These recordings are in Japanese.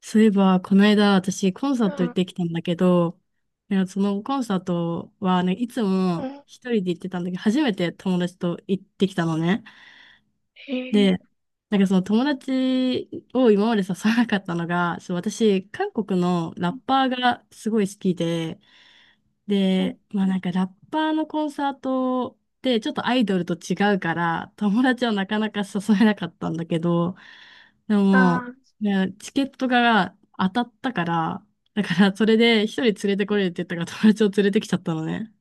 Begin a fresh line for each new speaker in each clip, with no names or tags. そういえば、この間、私、コンサート
う
行っ
ん。
てきたんだけど、いやそのコンサートは、ね、いつ
う
も
ん。
一人で行ってたんだけど、初めて友達と行ってきたのね。
え
で、
ー。
なんかその友達を今まで誘わなかったのが、そう私、韓国のラッパーがすごい好きで、
うん。
で、まあなんかラッパーのコンサートってちょっとアイドルと違うから友達はなかなか誘えなかったんだけど、で
あ
も、
ー。
いやチケットが当たったから、だからそれで一人連れてこれるって言ったから友達を連れてきちゃったのね。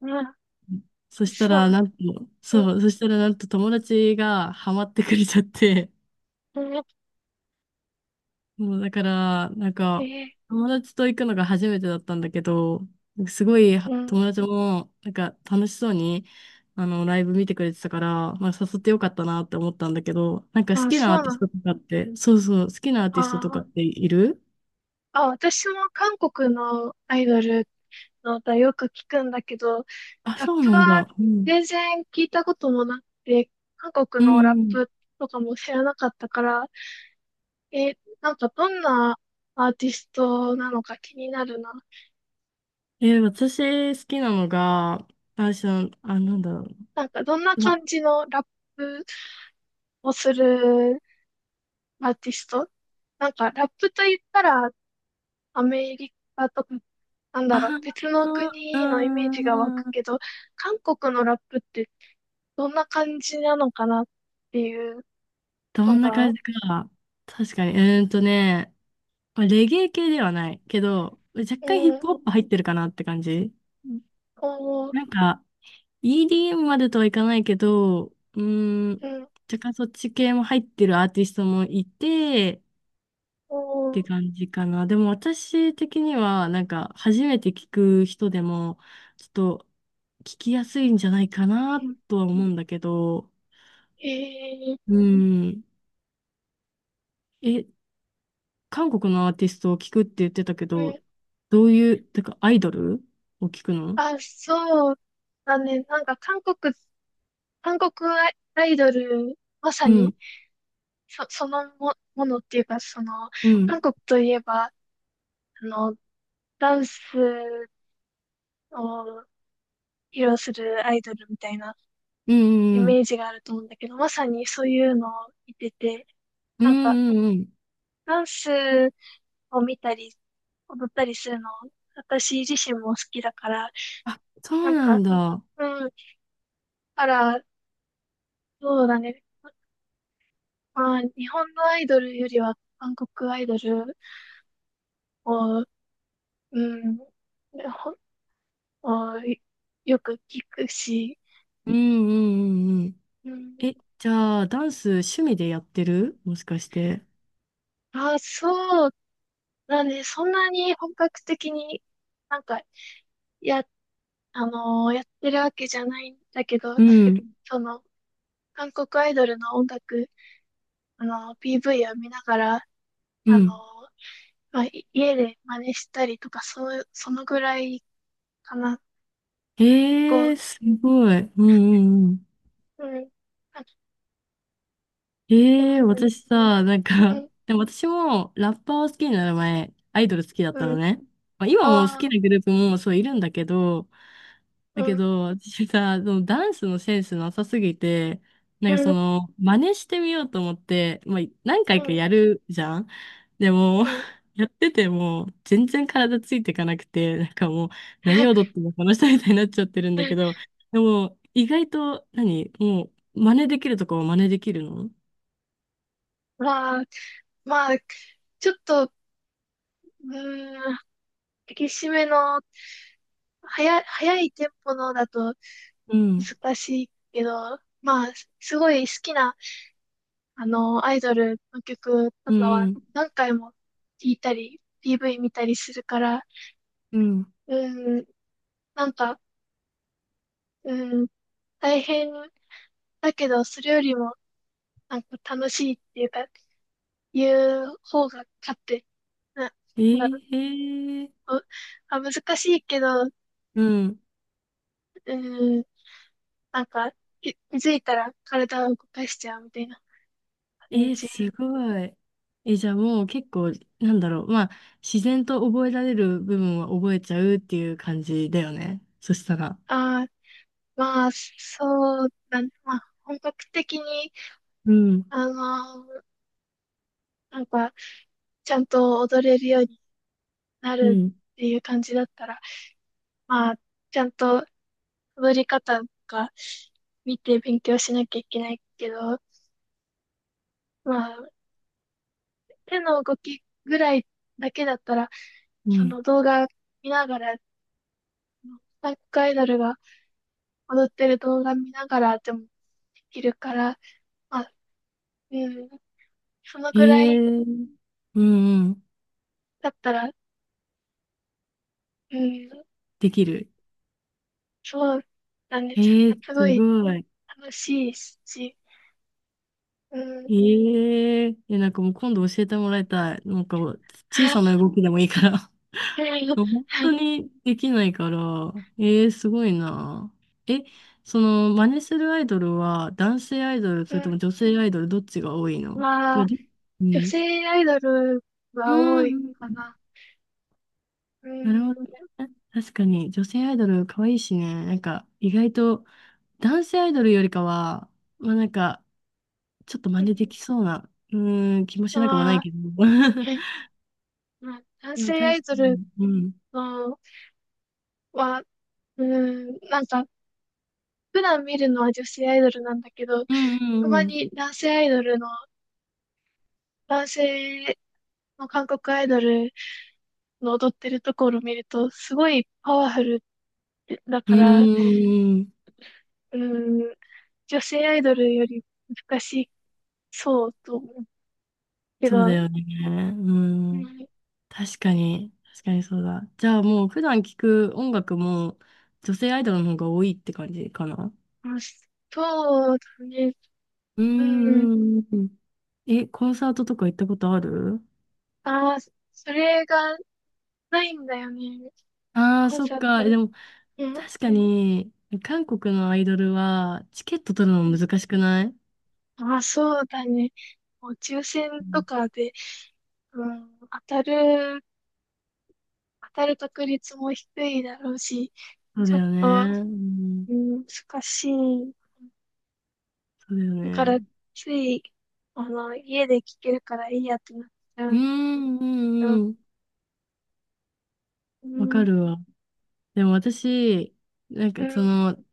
う
そ
ん。
した
そうな
ら
ん。
なんと、
う
そう、そしたらなんと友達がハマってくれちゃって、
ん。うん。
そう、だから、なんか、
え
友達と行くのが初めてだったんだけど、すごい
ー。うん。
友達も、なんか楽しそうに、あの、ライブ見てくれてたから、まあ、誘ってよかったなって思ったんだけど、なんか好
あ、
きな
そ
ア
う
ーテ
な
ィス
ん。
トとかって、そうそう、好きなアー
あ
ティストとか
ー。
っている？
あ、私も韓国のアイドルの歌よく聞くんだけど、
あ、
ラッ
そう
プ
なん
は
だ。うん。
全然聞いたこともなくて、韓
う
国のラッ
ん。
プとかも知らなかったから、なんかどんなアーティストなのか気になるな。
私好きなのが、な
う
ん
ん。
だろ
なんかどんな
う。ま、
感じのラップをするアーティスト。なんか、ラップと言ったら、アメリカとか、なんだろう、
あ
別の
う
国のイメージが湧く
ーん。
けど、韓国のラップってどんな感じなのかなっていう
ど
の
んな感
が、
じか。確かに。ーんとね、まあレゲエ系ではないけど、若干ヒッ
うん、
プホップ入ってるかなって感じ。うん。
おー、
なんか、EDM までとはいかないけど、
うん、
若干そっち系も入ってるアーティストもいて、っ
おー、
て感じかな。でも私的には、なんか、初めて聞く人でも、ちょっと、聞きやすいんじゃないか
う
な、
ん、
とは思うんだけど、
えー、
うん、え、韓国のアーティストを聞くって言ってたけ
う
ど、
ん、
どういう、てか、アイドルを聞くの？
あ、そうだね。なんか、韓国、韓国アイドル、まさ
う
に、
ん。
ものっていうか、その、
うん。
韓国といえば、あの、ダンスを披露するアイドルみたいな
うん
イ
うんう
メー
ん。
ジがあると思うんだけど、まさにそういうのを見てて、
う
なんか
んうんうん。
ダンスを見たり、踊ったりするの、私自身も好きだから、
あ、そ
な
う
ん
な
か、
んだ。
うん、あら、そうだね。まあ、日本のアイドルよりは韓国アイドルを、うん、をよく聞くし、
うんうんうんうん。
うん、
じゃあ、ダンス趣味でやってるもしかして？
あ、そうだね。そんなに本格的になんかやっあのーやってるわけじゃないんだけど、
うん。
その、韓国アイドルの音楽、あのー PV を見ながら、
う
あのー
ん。
まあ、家で真似したりとか、そう、そのぐらいかな。結
え
構、
ー、すごい。うんうんうん。
うん、あ、うん、
私さ、なん
う
か、
ん、
でも私もラッパーを好きになる前、アイドル好きだった
う
のね。まあ、今も好
ん、あ
き
あ、
なグループもそういるんだけど、だ
う
け
ん、
ど、私さ、そのダンスのセンスなさすぎて、なん
う
かそ
ん、
の、真似してみようと思って、まあ、何回
う
か
ん、
やるじゃん。でも、
うん。
やってても、全然体ついていかなくて、なんかもう、何踊ってもこの人みたいになっちゃってるんだけど、でも、意外ともう、真似できるとこは真似できるの？
まあ、まあ、ちょっと、うーん、激しめの、早いテンポのだと
うん、
難しいけど、まあ、すごい好きなアイドルの曲と
うん、
か
う
は
ん、
何回も聴いたり、PV 見たりするから、
うん、
うん、なんか、うん、大変だけど、それよりも、なんか楽しいっていうか、いう方が勝って、な、
え
なんだろう、
えー、
う難しいけど、
うん。
うん、なんか、気づいたら体を動かしちゃうみたいな
え
感
ー、
じ。
すごい。じゃあもう結構、なんだろう、まあ、自然と覚えられる部分は覚えちゃうっていう感じだよね。そしたら。
ああ。まあ、そうだね。まあ、本格的に、
うん、
あのーなんか、ちゃんと踊れるようにな
う
る
ん、
っていう感じだったら、まあ、ちゃんと踊り方とか見て勉強しなきゃいけないけど、まあ、手の動きぐらいだけだったら、
う
そ
ん。
の動画見ながら、韓国アイドルが踊ってる動画見ながらでもできるから、まあ、うん、その
へ
ぐら
え、
い
うん、うん。
だったら、うん、
できる。
そうなんです。
へえ、
すご
す
い
ごい。
楽しいし、
えええ、なんかもう今度教えてもらいたい。なんか小さな動きでもいいから。
う ん、
本当 にできないから、ええすごいな。え、その、真似するアイドルは男性アイドル、
う
それと
ん、
も女性アイドル、どっちが多いの
まあ、
う
女
ん。
性アイドル
う
が
ん
多
う
いか
ん
な。う
な
ー
るほどね。
ん。
確かに、女性アイドル可愛いしね。なんか、意外と、男性アイドルよりかは、まあなんか、ちょっと真似できそうな、気もしなくもない
まあ、
けど。
え、まあ、男
でも
性ア
確か
イドル
に。うん。
のは、うーん、なんか、普段見るのは女性アイドルなんだけど、
う
たま
んうん
に男性の韓国アイドルの踊ってるところを見ると、すごいパワフルだ
う
か
ん。
ら、
うーん。
うーん、女性アイドルより難しそうと思うけ
そうだよ
ど、
ね。
う
うん。
ん、
確かに。確かにそうだ。じゃあもう普段聞く音楽も女性アイドルの方が多いって感じかな。
まあそうだね。
う
うん。
んうんうん。コンサートとか行ったことある？
ああ、それがないんだよね。
ああー、
コン
そっ
サー
か。
ト。
でも
うん。
確かに韓国のアイドルはチケット取るの難しくない？
ああ、そうだね。もう抽選
う
と
ん。
かで、うん、当たる確率も低いだろうし、
そう
ち
だ
ょっ
よね。
と、
うん。
うん、難しい。
そうだよ
だから、
ね。
つい、あの、家で聞けるからいいやってなっちゃ
う
う
んう
けど、
んうん。
う
わか
ん、
るわ。でも私、なんか
う
そ
ん、
の、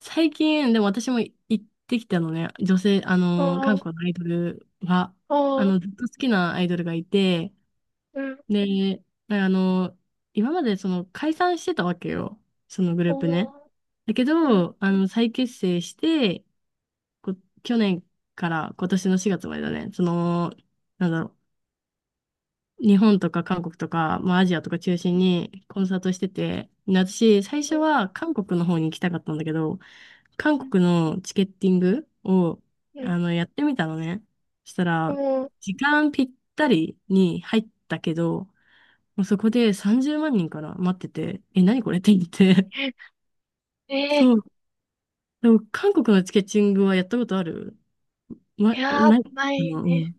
最近、でも私も行ってきたのね、女性、あ
お
の、韓
う、
国のアイドルは、あ
おう、
の、ずっと好きなアイドルがいて、
うん、
で、あの、今までその解散してたわけよ、そのグループ
お
ね。
う、
だけ
うん、
ど、あの、再結成して、こ、去年から今年の4月までだね、その、なんだろう、日本とか韓国とか、まあ、アジアとか中心にコンサートしてて、私、最
う
初
ん、
は韓国の方に行きたかったんだけど、韓
うん、
国のチケッティングを、
うん、
あの、やってみたのね。そしたら、
おう、
時間ぴったりに入ったけど、もうそこで30万人から待ってて、え、何これって言って。
えー、
そう。でも、韓国のチケッティングはやったことある？ま、
いやー、
ない。
な
う
いね。
ん、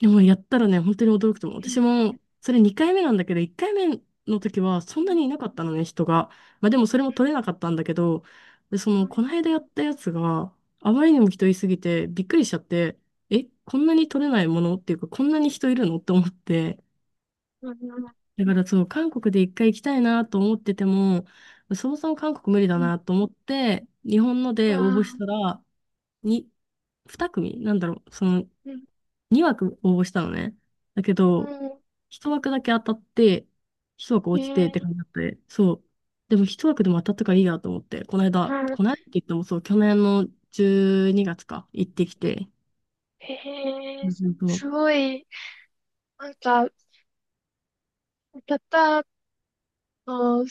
でもやったらね、本当に驚くと思う。
へえ、
私も、それ2回目なんだけど、1回目の時はそんなにいなかったのね、人が。まあでもそれも取れなかったんだけど、で、その、この間やったやつがあまりにも人いすぎてびっくりしちゃって、え、こんなに取れないものっていうか、こんなに人いるのって思って。だからそう、韓国で一回行きたいなと思ってても、そもそも韓国無理だなと思って、日本ので応募したら、に、二組なんだろう、その、2枠応募したのね。だけど、1枠だけ当たって、1枠落ちてって感じだって、そう。でも1枠でも当たったからいいやと思って、この間、この間って言ってもそう、去年の12月か、行ってきて。う
す
そそう。
すごい、なんか、たったの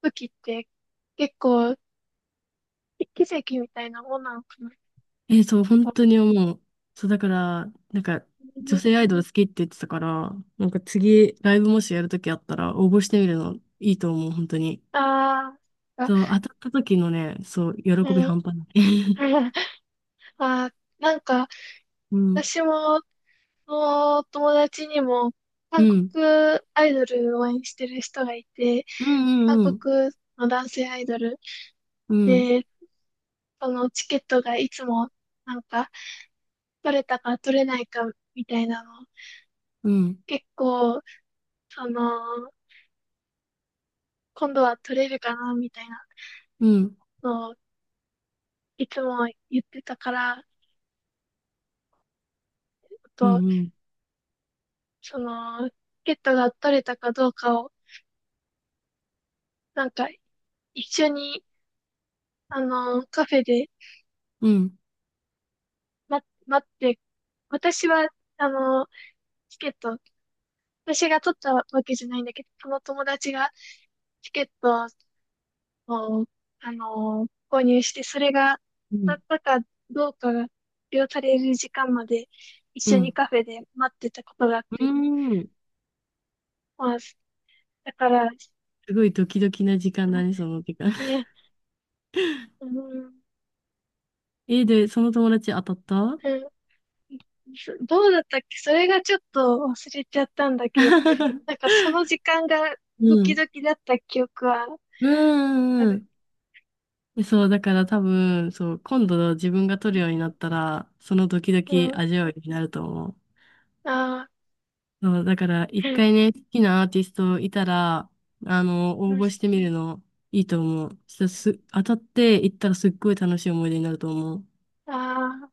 武器って結構、奇跡みたいなもんなのかな。
そう、本当に思う。そう、だから、なんか、女性アイドル好きって言ってたから、なんか次、ライブもしやるときあったら、応募してみるのいいと思う、本当に。
ああ。あ、
そう、当たった時のね、そう、喜び
うん、
半端ない。
あ、なんか、
うん。
私も、友達にも、
う
韓
ん。
国アイドルを応援してる人がいて、
うん
韓
うんうん。
国の男性アイドル。
うん、
そのチケットがいつもなんか取れたか取れないかみたいなの、
うん、
結構、その、今度は取れるかなみたいな
うん、
のをいつも言ってたから、あ
うん、
と、
うん、
その、チケットが取れたかどうかを、なんか一緒に、あの、カフェで
うん、
待って、私は、あの、チケット、私が取ったわけじゃないんだけど、その友達がチケットを、購入して、それが
う
当
ん、
たったかどうかが発表される時間まで
う
一緒に
ん、
カフェで待ってたことがあっ
う
て、
ん。
まあ、だから、
すごいドキドキな時間だね、
う
その時間。
んね、うん、う
で、その友達当たった？
ん。どうだったっけ。それがちょっと忘れちゃったんだけど、なん かその時間がド
う
キ
ん。
ドキだった記憶は
う
あ
ん、う
る。
ん、うん。そう、だから多分、そう、今度自分が取るようになったら、そのドキド
う
キ
ん、
味わいになると思う。
ああ、
そう、だから
う
一
ん、
回ね、好きなアーティストいたら、あの、
う
応
ん。
募してみるのいいと思う。そしたら当たって行ったらすっごい楽しい思い出になると思う。
ああ、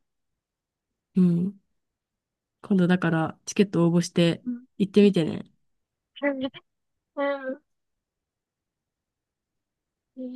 うん。今度だからチケット応募して
うん、
行ってみてね。
うん、うん。うん